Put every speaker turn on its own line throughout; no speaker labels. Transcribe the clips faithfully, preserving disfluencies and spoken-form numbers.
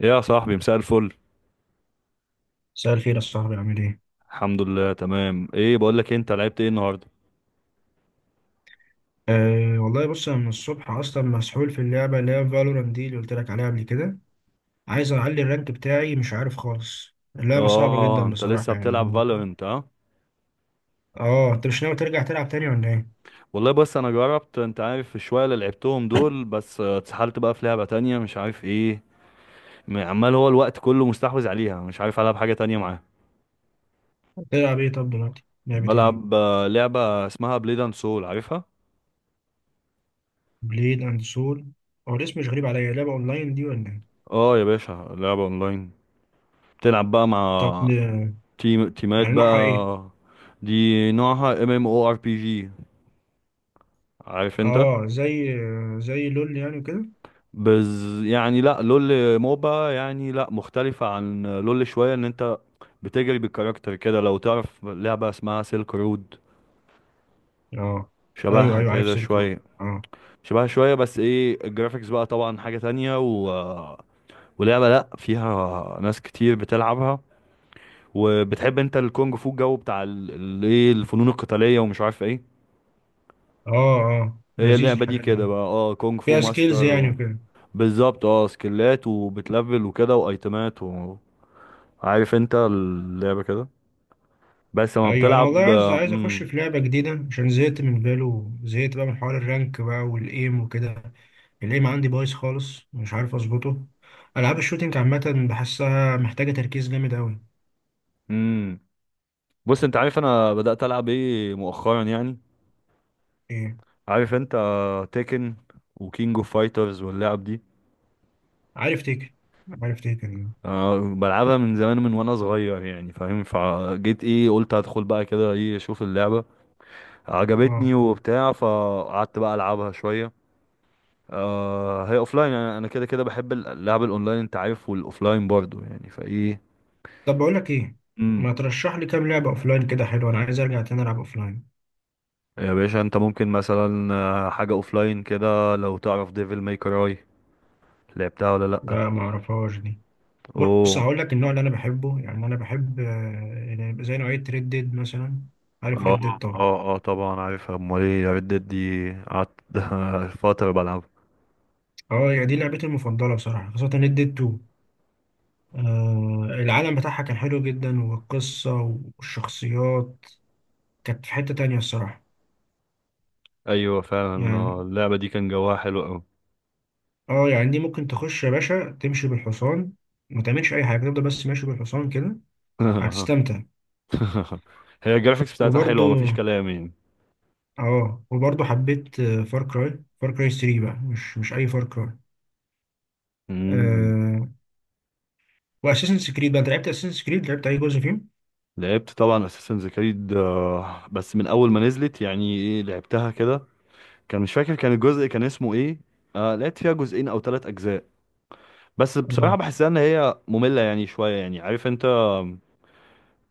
إيه يا صاحبي، مساء الفل.
مساء الخير يا صاحبي، عامل ايه؟
الحمد لله تمام. ايه بقول لك إيه، انت لعبت ايه النهارده؟
أه والله بص، انا من الصبح اصلا مسحول في اللعبه اللي هي فالورانت دي اللي قلت لك عليها قبل كده. عايز اعلي الرانك بتاعي مش عارف خالص. اللعبه صعبه
اه
جدا
انت لسه
بصراحه يعني.
بتلعب فالورنت؟ اه
اه انت مش ناوي ترجع تلعب تاني ولا ايه؟
والله، بس انا جربت، انت عارف الشويه اللي لعبتهم دول، بس آه، اتسحلت بقى في لعبه تانية مش عارف ايه. م- عمال هو الوقت كله مستحوذ عليها، مش عارف العب حاجه تانية معاها.
تلعب ايه طب دلوقتي؟ لعبه ايه دي؟
بلعب آه، لعبه اسمها بليد اند سول، عارفها؟
بليد اند سول. هو الاسم مش غريب عليا. لعبه اونلاين دي ولا ايه؟
اه يا باشا، لعبه اونلاين. بتلعب بقى
طب
مع
آه،
تيم تيمات
يعني نوعها ايه؟
بقى. دي نوعها ام ام او ار بي جي، عارف انت.
اه زي آه، زي لول يعني وكده؟
بز يعني، لا لول. موبا يعني، لا، مختلفة عن لول شوية، ان انت بتجري بالكاركتر كده. لو تعرف لعبة اسمها سيلك رود،
اه ايوه
شبهها
ايوه عارف
كده
سيرك رود
شوية.
اه.
شبهها شوية، بس ايه الجرافيكس بقى طبعا حاجة تانية و... ولعبة، لا، فيها ناس كتير بتلعبها. وبتحب انت الكونج فو، الجو بتاع ال- ال- ايه الفنون القتالية ومش عارف ايه.
اه اه
هي
لذيذ
اللعبة دي
الحاجات
كده
دي.
بقى، اه، كونج فو
فيها
ماستر
سكيلز يعني
و...
وكده.
بالظبط، اه سكيلات وبتلفل وكده وايتمات. عارف انت اللعبة كده. بس لما
ايوه انا والله
بتلعب.
عايز عايز اخش
امم
في لعبه جديده، عشان زهقت من فالو، زهقت بقى من حوار الرانك بقى والايم وكده. الايم عندي بايظ خالص مش عارف اظبطه. العاب الشوتينج عامه بحسها محتاجه تركيز جامد قوي.
امم بص انت عارف انا بدأت العب ايه مؤخرا يعني.
ايه؟
عارف انت، تيكن وكينج اوف فايترز واللعب دي.
عارف تيكن، عارف تيكن
أه بلعبها من زمان، من وانا صغير يعني فاهم. فجيت ايه، قلت هدخل بقى كده ايه اشوف اللعبة.
اه.
عجبتني وبتاع، فقعدت بقى العبها شوية. أه هي اوفلاين. يعني انا كده كده بحب اللعب الاونلاين انت عارف، والاوفلاين برضو يعني فايه.
طب بقول لك ايه؟ ما ترشح لي كام لعبه اوفلاين كده حلوه، انا عايز ارجع تاني العب اوفلاين.
يا باشا انت ممكن مثلا آه، حاجة اوفلاين كده، لو تعرف ديفل ماي كراي، لعبتها ولا لأ؟
لا ما اعرفهاش دي. بص
اوه.
هقول لك النوع اللي انا بحبه. يعني انا بحب، آه، يعني زي نوعيه ريد ديد مثلا. عارف
اه
ريد ديد طبعا.
اه اه طبعا عارفها، امال ايه، ريد ديد دي قعدت فترة بلعبها.
اه يعني دي لعبتي المفضلة بصراحة، خاصة ريد ديد اتنين. آه، العالم بتاعها كان حلو جدا، والقصة والشخصيات كانت في حتة تانية الصراحة
ايوه فعلا، آه،
يعني.
اللعبة دي كان جواها حلو اوي.
اه يعني دي ممكن تخش يا باشا تمشي بالحصان، ما تعملش أي حاجة، تفضل بس ماشي بالحصان كده، هتستمتع.
هي الجرافيكس بتاعتها
وبرضو،
حلوة، مفيش كلام يعني.
اه، وبرضو حبيت فار كراي. فار كراي تلاتة بقى، مش مش أي فار كراي.
مم.
آه. وأساسنز كريد بقى، أنت لعبت أساسنز كريد، لعبت أي جزء فيهم؟
لعبت طبعا اساسنز كريد، بس من اول ما نزلت يعني ايه لعبتها كده. كان مش فاكر، كان الجزء كان اسمه ايه. آه لعبت فيها جزئين او ثلاث اجزاء. بس بصراحة
اه
بحسها ان هي مملة يعني شوية يعني، عارف انت.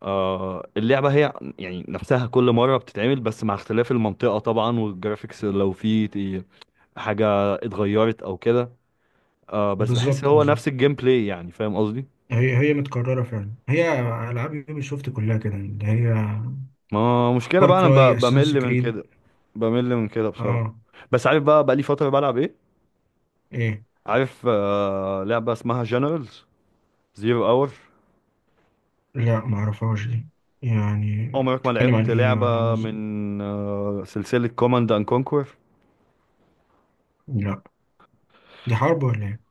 آه اللعبة هي يعني نفسها كل مرة بتتعمل، بس مع اختلاف المنطقة طبعا والجرافيكس، لو في ت- حاجة اتغيرت او كده. آه بس بحس
بالظبط
هو
بالظبط.
نفس الجيم بلاي، يعني فاهم قصدي.
هي هي متكررة فعلا. هي ألعاب يوبي سوفت كلها كده، اللي هي
ما مشكلة
فار
بقى، انا
كراي،
ب-
اساسنس
بمل من كده،
كريد
بمل من كده بصراحة.
اه،
بس عارف بقى، بقى لي فترة بلعب ايه.
ايه.
عارف آه لعبة اسمها جنرالز زيرو اور.
لا معرفهاش دي. يعني
عمرك ما
بتتكلم عن
لعبت
ايه ولا عاملة
لعبة
ازاي؟
من آه سلسلة كوماند اند كونكور؟
لا دي حرب ولا ايه؟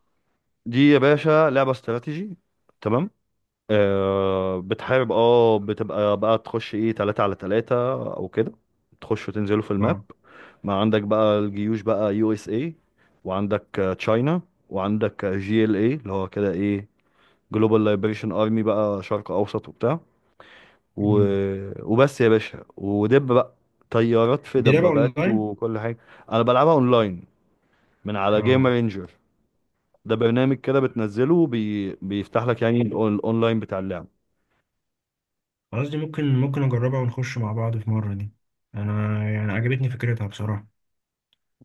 دي يا باشا لعبة استراتيجي. تمام. آه بتحارب، اه بتبقى بقى تخش ايه تلاتة على تلاتة او كده، تخشوا تنزلوا في الماب.
اه.
ما عندك بقى الجيوش بقى، يو اس اي، وعندك آه، تشاينا، وعندك جي ال اي، اللي هو كده ايه، جلوبال ليبريشن ارمي بقى، شرق اوسط وبتاع و...
مم.
وبس يا باشا ودب بقى، طيارات في
دي لعبة
دبابات
اونلاين؟
وكل حاجة. انا بلعبها اونلاين من على جيم
اه
رينجر. ده برنامج كده بتنزله، بي... بيفتح لك يعني الأون- الاونلاين بتاع اللعب.
خلاص، دي ممكن ممكن اجربها، ونخش مع بعض في مرة دي. انا يعني عجبتني فكرتها بصراحة.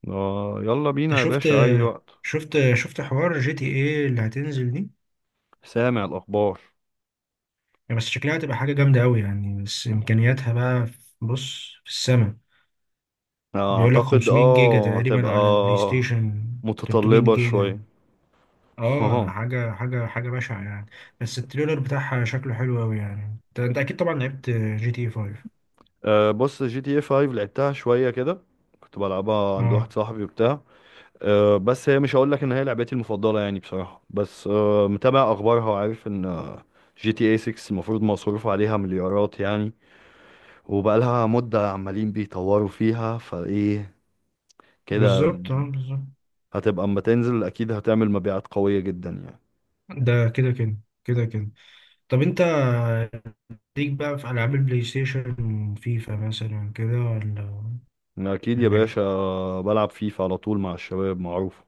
آه يلا بينا
انت
يا
شفت،
باشا اي وقت.
شفت شفت حوار جي تي ايه اللي هتنزل دي؟
سامع الاخبار؟
يعني بس شكلها هتبقى حاجة جامدة قوي يعني. بس امكانياتها بقى في- بص في السما. بيقول لك
اعتقد
خمسمائة جيجا
اه هتبقى
تقريبا على البلاي ستيشن، تلتمية
متطلبة شوية.
جيجا. اه، حاجه حاجه حاجه بشعه يعني. بس التريلر بتاعها شكله حلو قوي يعني. انت أنت اكيد طبعا لعبت جي تي خمسة.
اه بص، جي تي اي خمسة لعبتها شوية كده، كنت بلعبها عند
اه
واحد صاحبي وبتاع. آه، بس هي مش هقول لك ان هي لعبتي المفضلة يعني بصراحة، بس آه، متابع اخبارها وعارف ان جي تي اي ستة المفروض مصروف عليها مليارات يعني، وبقالها مدة عمالين بيطوروا فيها فايه كده.
بالظبط اه بالظبط.
هتبقى اما تنزل اكيد هتعمل مبيعات قوية جدا يعني.
ده كده كده، كده كده. طب انت، ليك بقى في العاب البلاي ستيشن؟ فيفا مثلا كده ولا
أنا اكيد يا
ولا ايه؟
باشا بلعب فيفا على طول مع الشباب، معروف،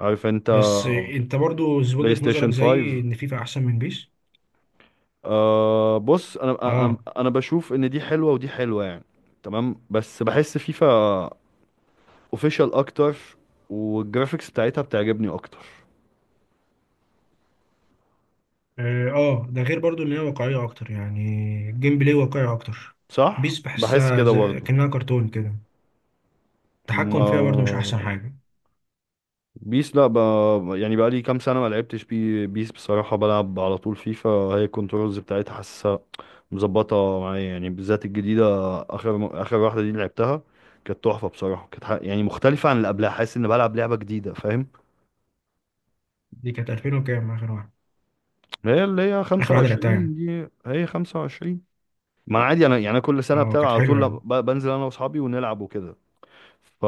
عارف انت.
بس انت برضو
بلاي
وجهة نظرك
ستيشن خمسة.
زي ان فيفا احسن من بيس؟
أه بص، انا انا
اه
أنا بشوف ان دي حلوة ودي حلوة يعني. تمام، بس بحس فيفا اوفيشال اكتر، والجرافيكس بتاعتها بتعجبني اكتر.
اه، آه، ده غير برضو ان هي واقعية اكتر يعني. الجيم بلاي واقعي اكتر.
صح،
بيس
بحس
بحسها
كده
زي
برضه.
كأنها كرتون كده. التحكم فيها برضو مش احسن
ما
حاجة.
بيس، لا ب... يعني بقى لي كام سنة ما لعبتش بي... بيس بصراحة، بلعب على طول فيفا. هي الكنترولز بتاعتها حاسسها مظبطة معايا، يعني بالذات الجديدة. آخر آخر واحدة دي اللي لعبتها كانت تحفة بصراحة. كانت ح... يعني مختلفة عن اللي قبلها، حاسس إن بلعب لعبة جديدة فاهم.
دي كانت ألفين وكام اخر واحدة؟
هي اللي هي
اخر واحدة لعبتها
خمسة وعشرين،
يعني.
دي هي خمسة وعشرين. ما أنا عادي، أنا يعني أنا كل سنة
اه
بتابع
كانت
على
حلوة
طول،
يعني.
ب... بنزل أنا وأصحابي ونلعب وكده. ف...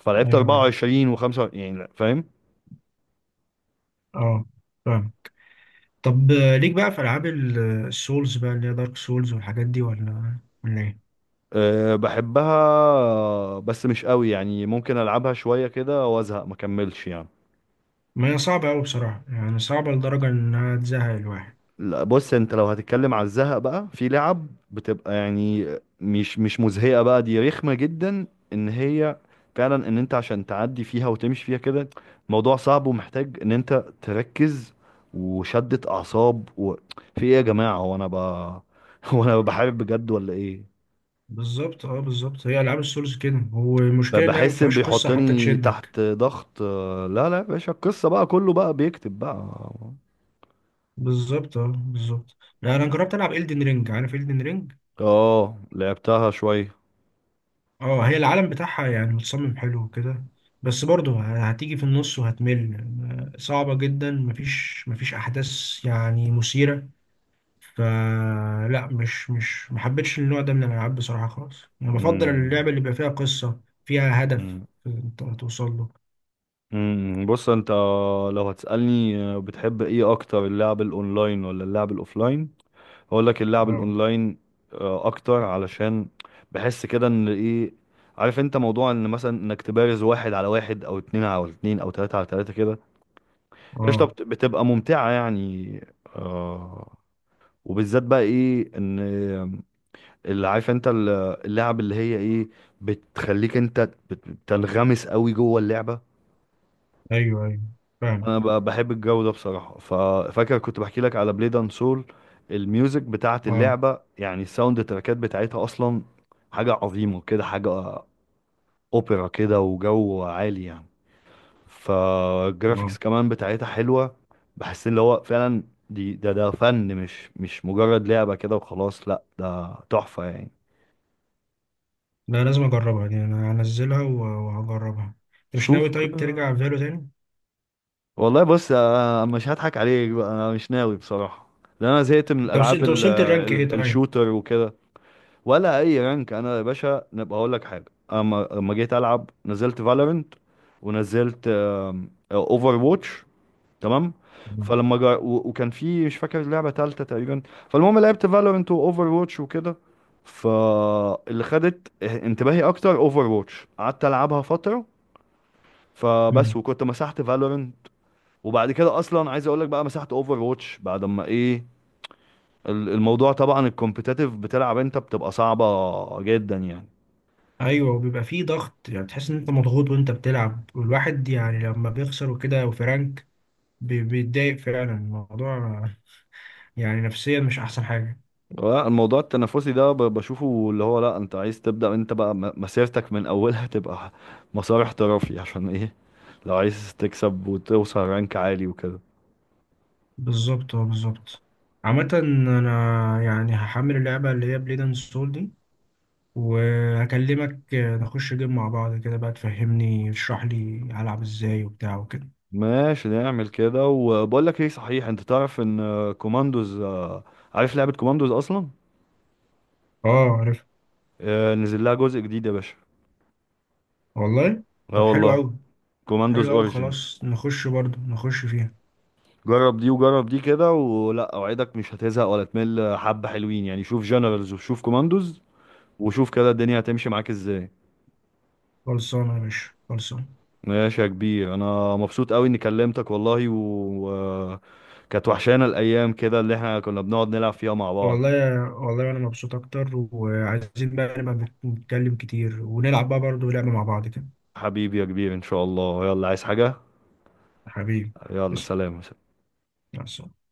فلعبت
ايوه يعني،
اربعة وعشرين و5 يعني فاهم.
اه، فاهم. طب آه، ليك بقى في العاب ال- السولز بقى، اللي هي دارك سولز والحاجات دي ولا ولا ايه؟
أه بحبها بس مش قوي يعني، ممكن العبها شويه كده وازهق ما اكملش يعني.
ما هي صعبة قوي بصراحة يعني، صعبة لدرجة انها تزهق الواحد.
لا بص، انت لو هتتكلم على الزهق بقى، في لعب بتبقى يعني مش مش مزهقه، بقى دي رخمه جدا. ان هي فعلا، ان انت عشان تعدي فيها وتمشي فيها كده موضوع صعب، ومحتاج ان انت تركز وشدة اعصاب و... في ايه يا جماعه، هو انا ب... هو انا بحارب بجد ولا ايه؟
بالظبط اه بالظبط. هي العاب السولز كده،
ب-
والمشكلة انها ما
بحس ان
فيهاش قصة حتى
بيحطني
تشدك.
تحت ضغط. آه، لا لا يا باشا، القصة بقى كله بقى بيكتب بقى.
بالظبط اه بالظبط. لا انا جربت العب إلدن رينج. عارف إلدن رينج؟
اه لعبتها شوية.
اه، هي العالم بتاعها يعني متصمم حلو وكده. بس برضه هتيجي في النص وهتمل. صعبة جدا، مفيش مفيش احداث يعني مثيرة. فلا، مش مش محبتش النوع ده من الالعاب بصراحة خالص. انا بفضل
مم.
اللعبة اللي بيبقى فيها قصة، فيها هدف
مم.
انت توصل له.
مم. بص انت، لو هتسألني آه، بتحب ايه اكتر، اللعب الاونلاين ولا اللعب الاوفلاين؟ هقول لك اللعب
اه
الاونلاين آه، اكتر، علشان بحس كده ان ايه، عارف انت موضوع ان مثلا انك تبارز واحد على واحد او اتنين على اتنين او تلاتة على تلاتة كده قشطة،
اه.
بت- بتبقى ممتعة يعني. آه. وبالذات بقى ايه ان اللي عارف انت ال- اللعب اللي هي ايه بتخليك انت بت- بتنغمس قوي جوه اللعبه.
ايوه ايوه فاهم
انا ب- بحب الجو ده بصراحه، ففاكر كنت بحكي لك على بليد اند سول. الميوزك بتاعه
اه.
اللعبه يعني الساوند تراكات بتاعتها اصلا حاجه عظيمه كده، حاجه اوبرا كده وجو عالي يعني. فالجرافيكس
آه.
كمان بتاعتها حلوه. بحس ان هو فعلا دي ده ده فن، مش مش مجرد لعبه كده وخلاص، لا ده تحفه يعني.
لا لازم اجربها يعني، انا هنزلها و- وهجربها. انت مش
شوف،
ناوي طيب
آه،
ترجع فالو تاني؟
والله بص، آه، آه، مش هضحك عليك بقى، انا مش ناوي بصراحة، لان انا زهقت من
انت وصلت
الالعاب
انت
ال-
وصلت الرانك ايه
ال-
طيب؟
الشوتر وكده. ولا اي رانك. انا يا باشا نبقى اقول لك حاجة. اما لما جيت العب، نزلت فالورنت ونزلت اوفر واتش تمام،
آه.
فلما جا... و... وكان في مش فاكر لعبة تالتة تقريبا. فالمهم لعبت فالورنت واوفر واتش وكده، فاللي خدت انتباهي اكتر اوفر واتش، قعدت العبها فترة فبس،
مم.
وكنت مسحت فالورنت. وبعد كده اصلا عايز اقول لك بقى، مسحت اوفر واتش بعد ما ايه ال- الموضوع طبعا الكومبيتاتيف، بتلعب انت بتبقى صعبة جدا يعني.
ايوه، وبيبقى فيه ضغط، يعني تحس ان انت مضغوط وانت بتلعب. والواحد يعني لما بيخسر وكده وفي رانك، بي- بيتضايق فعلا الموضوع. يعني نفسيا مش احسن حاجه.
لا، الموضوع التنافسي ده ب- بشوفه اللي هو، لا، انت عايز تبدأ انت بقى م- مسيرتك من اولها تبقى مسار احترافي، عشان ايه لو عايز تكسب وتوصل رانك عالي وكده.
بالظبط اه بالظبط. عامه انا يعني هحمل اللعبه اللي هي بليد اند سول دي، وهكلمك نخش جيم مع بعض كده بقى، تفهمني تشرح لي هلعب ازاي وبتاع وكده.
ماشي نعمل كده. وبقول لك ايه صحيح، انت تعرف ان آه، كوماندوز، آه، عارف لعبة كوماندوز اصلا؟
اه عارف
آه، نزل لها جزء جديد يا باشا.
والله. طب
اه
حلو
والله.
قوي.
كوماندوز
حلو قوي
اوريجينز.
خلاص، نخش برضو نخش فيها.
جرب دي وجرب دي كده، ولا اوعدك مش هتزهق ولا تمل، حبة حلوين يعني، شوف جنرالز وشوف كوماندوز، وشوف كده الدنيا هتمشي معاك ازاي.
خلصانه يا باشا، خلصانه.
ماشي يا كبير، انا مبسوط قوي اني كلمتك والله و... كانت وحشانا الايام كده اللي احنا كنا بنقعد نلعب فيها مع بعض.
والله يا- والله انا مبسوط اكتر، وعايزين بقى نبقى بنتكلم كتير، ونلعب بقى برضو لعبه مع بعض كده.
حبيبي يا كبير، ان شاء الله. يلا عايز حاجة،
حبيبي.
يلا
تسلم.
سلام.
مع السلامة.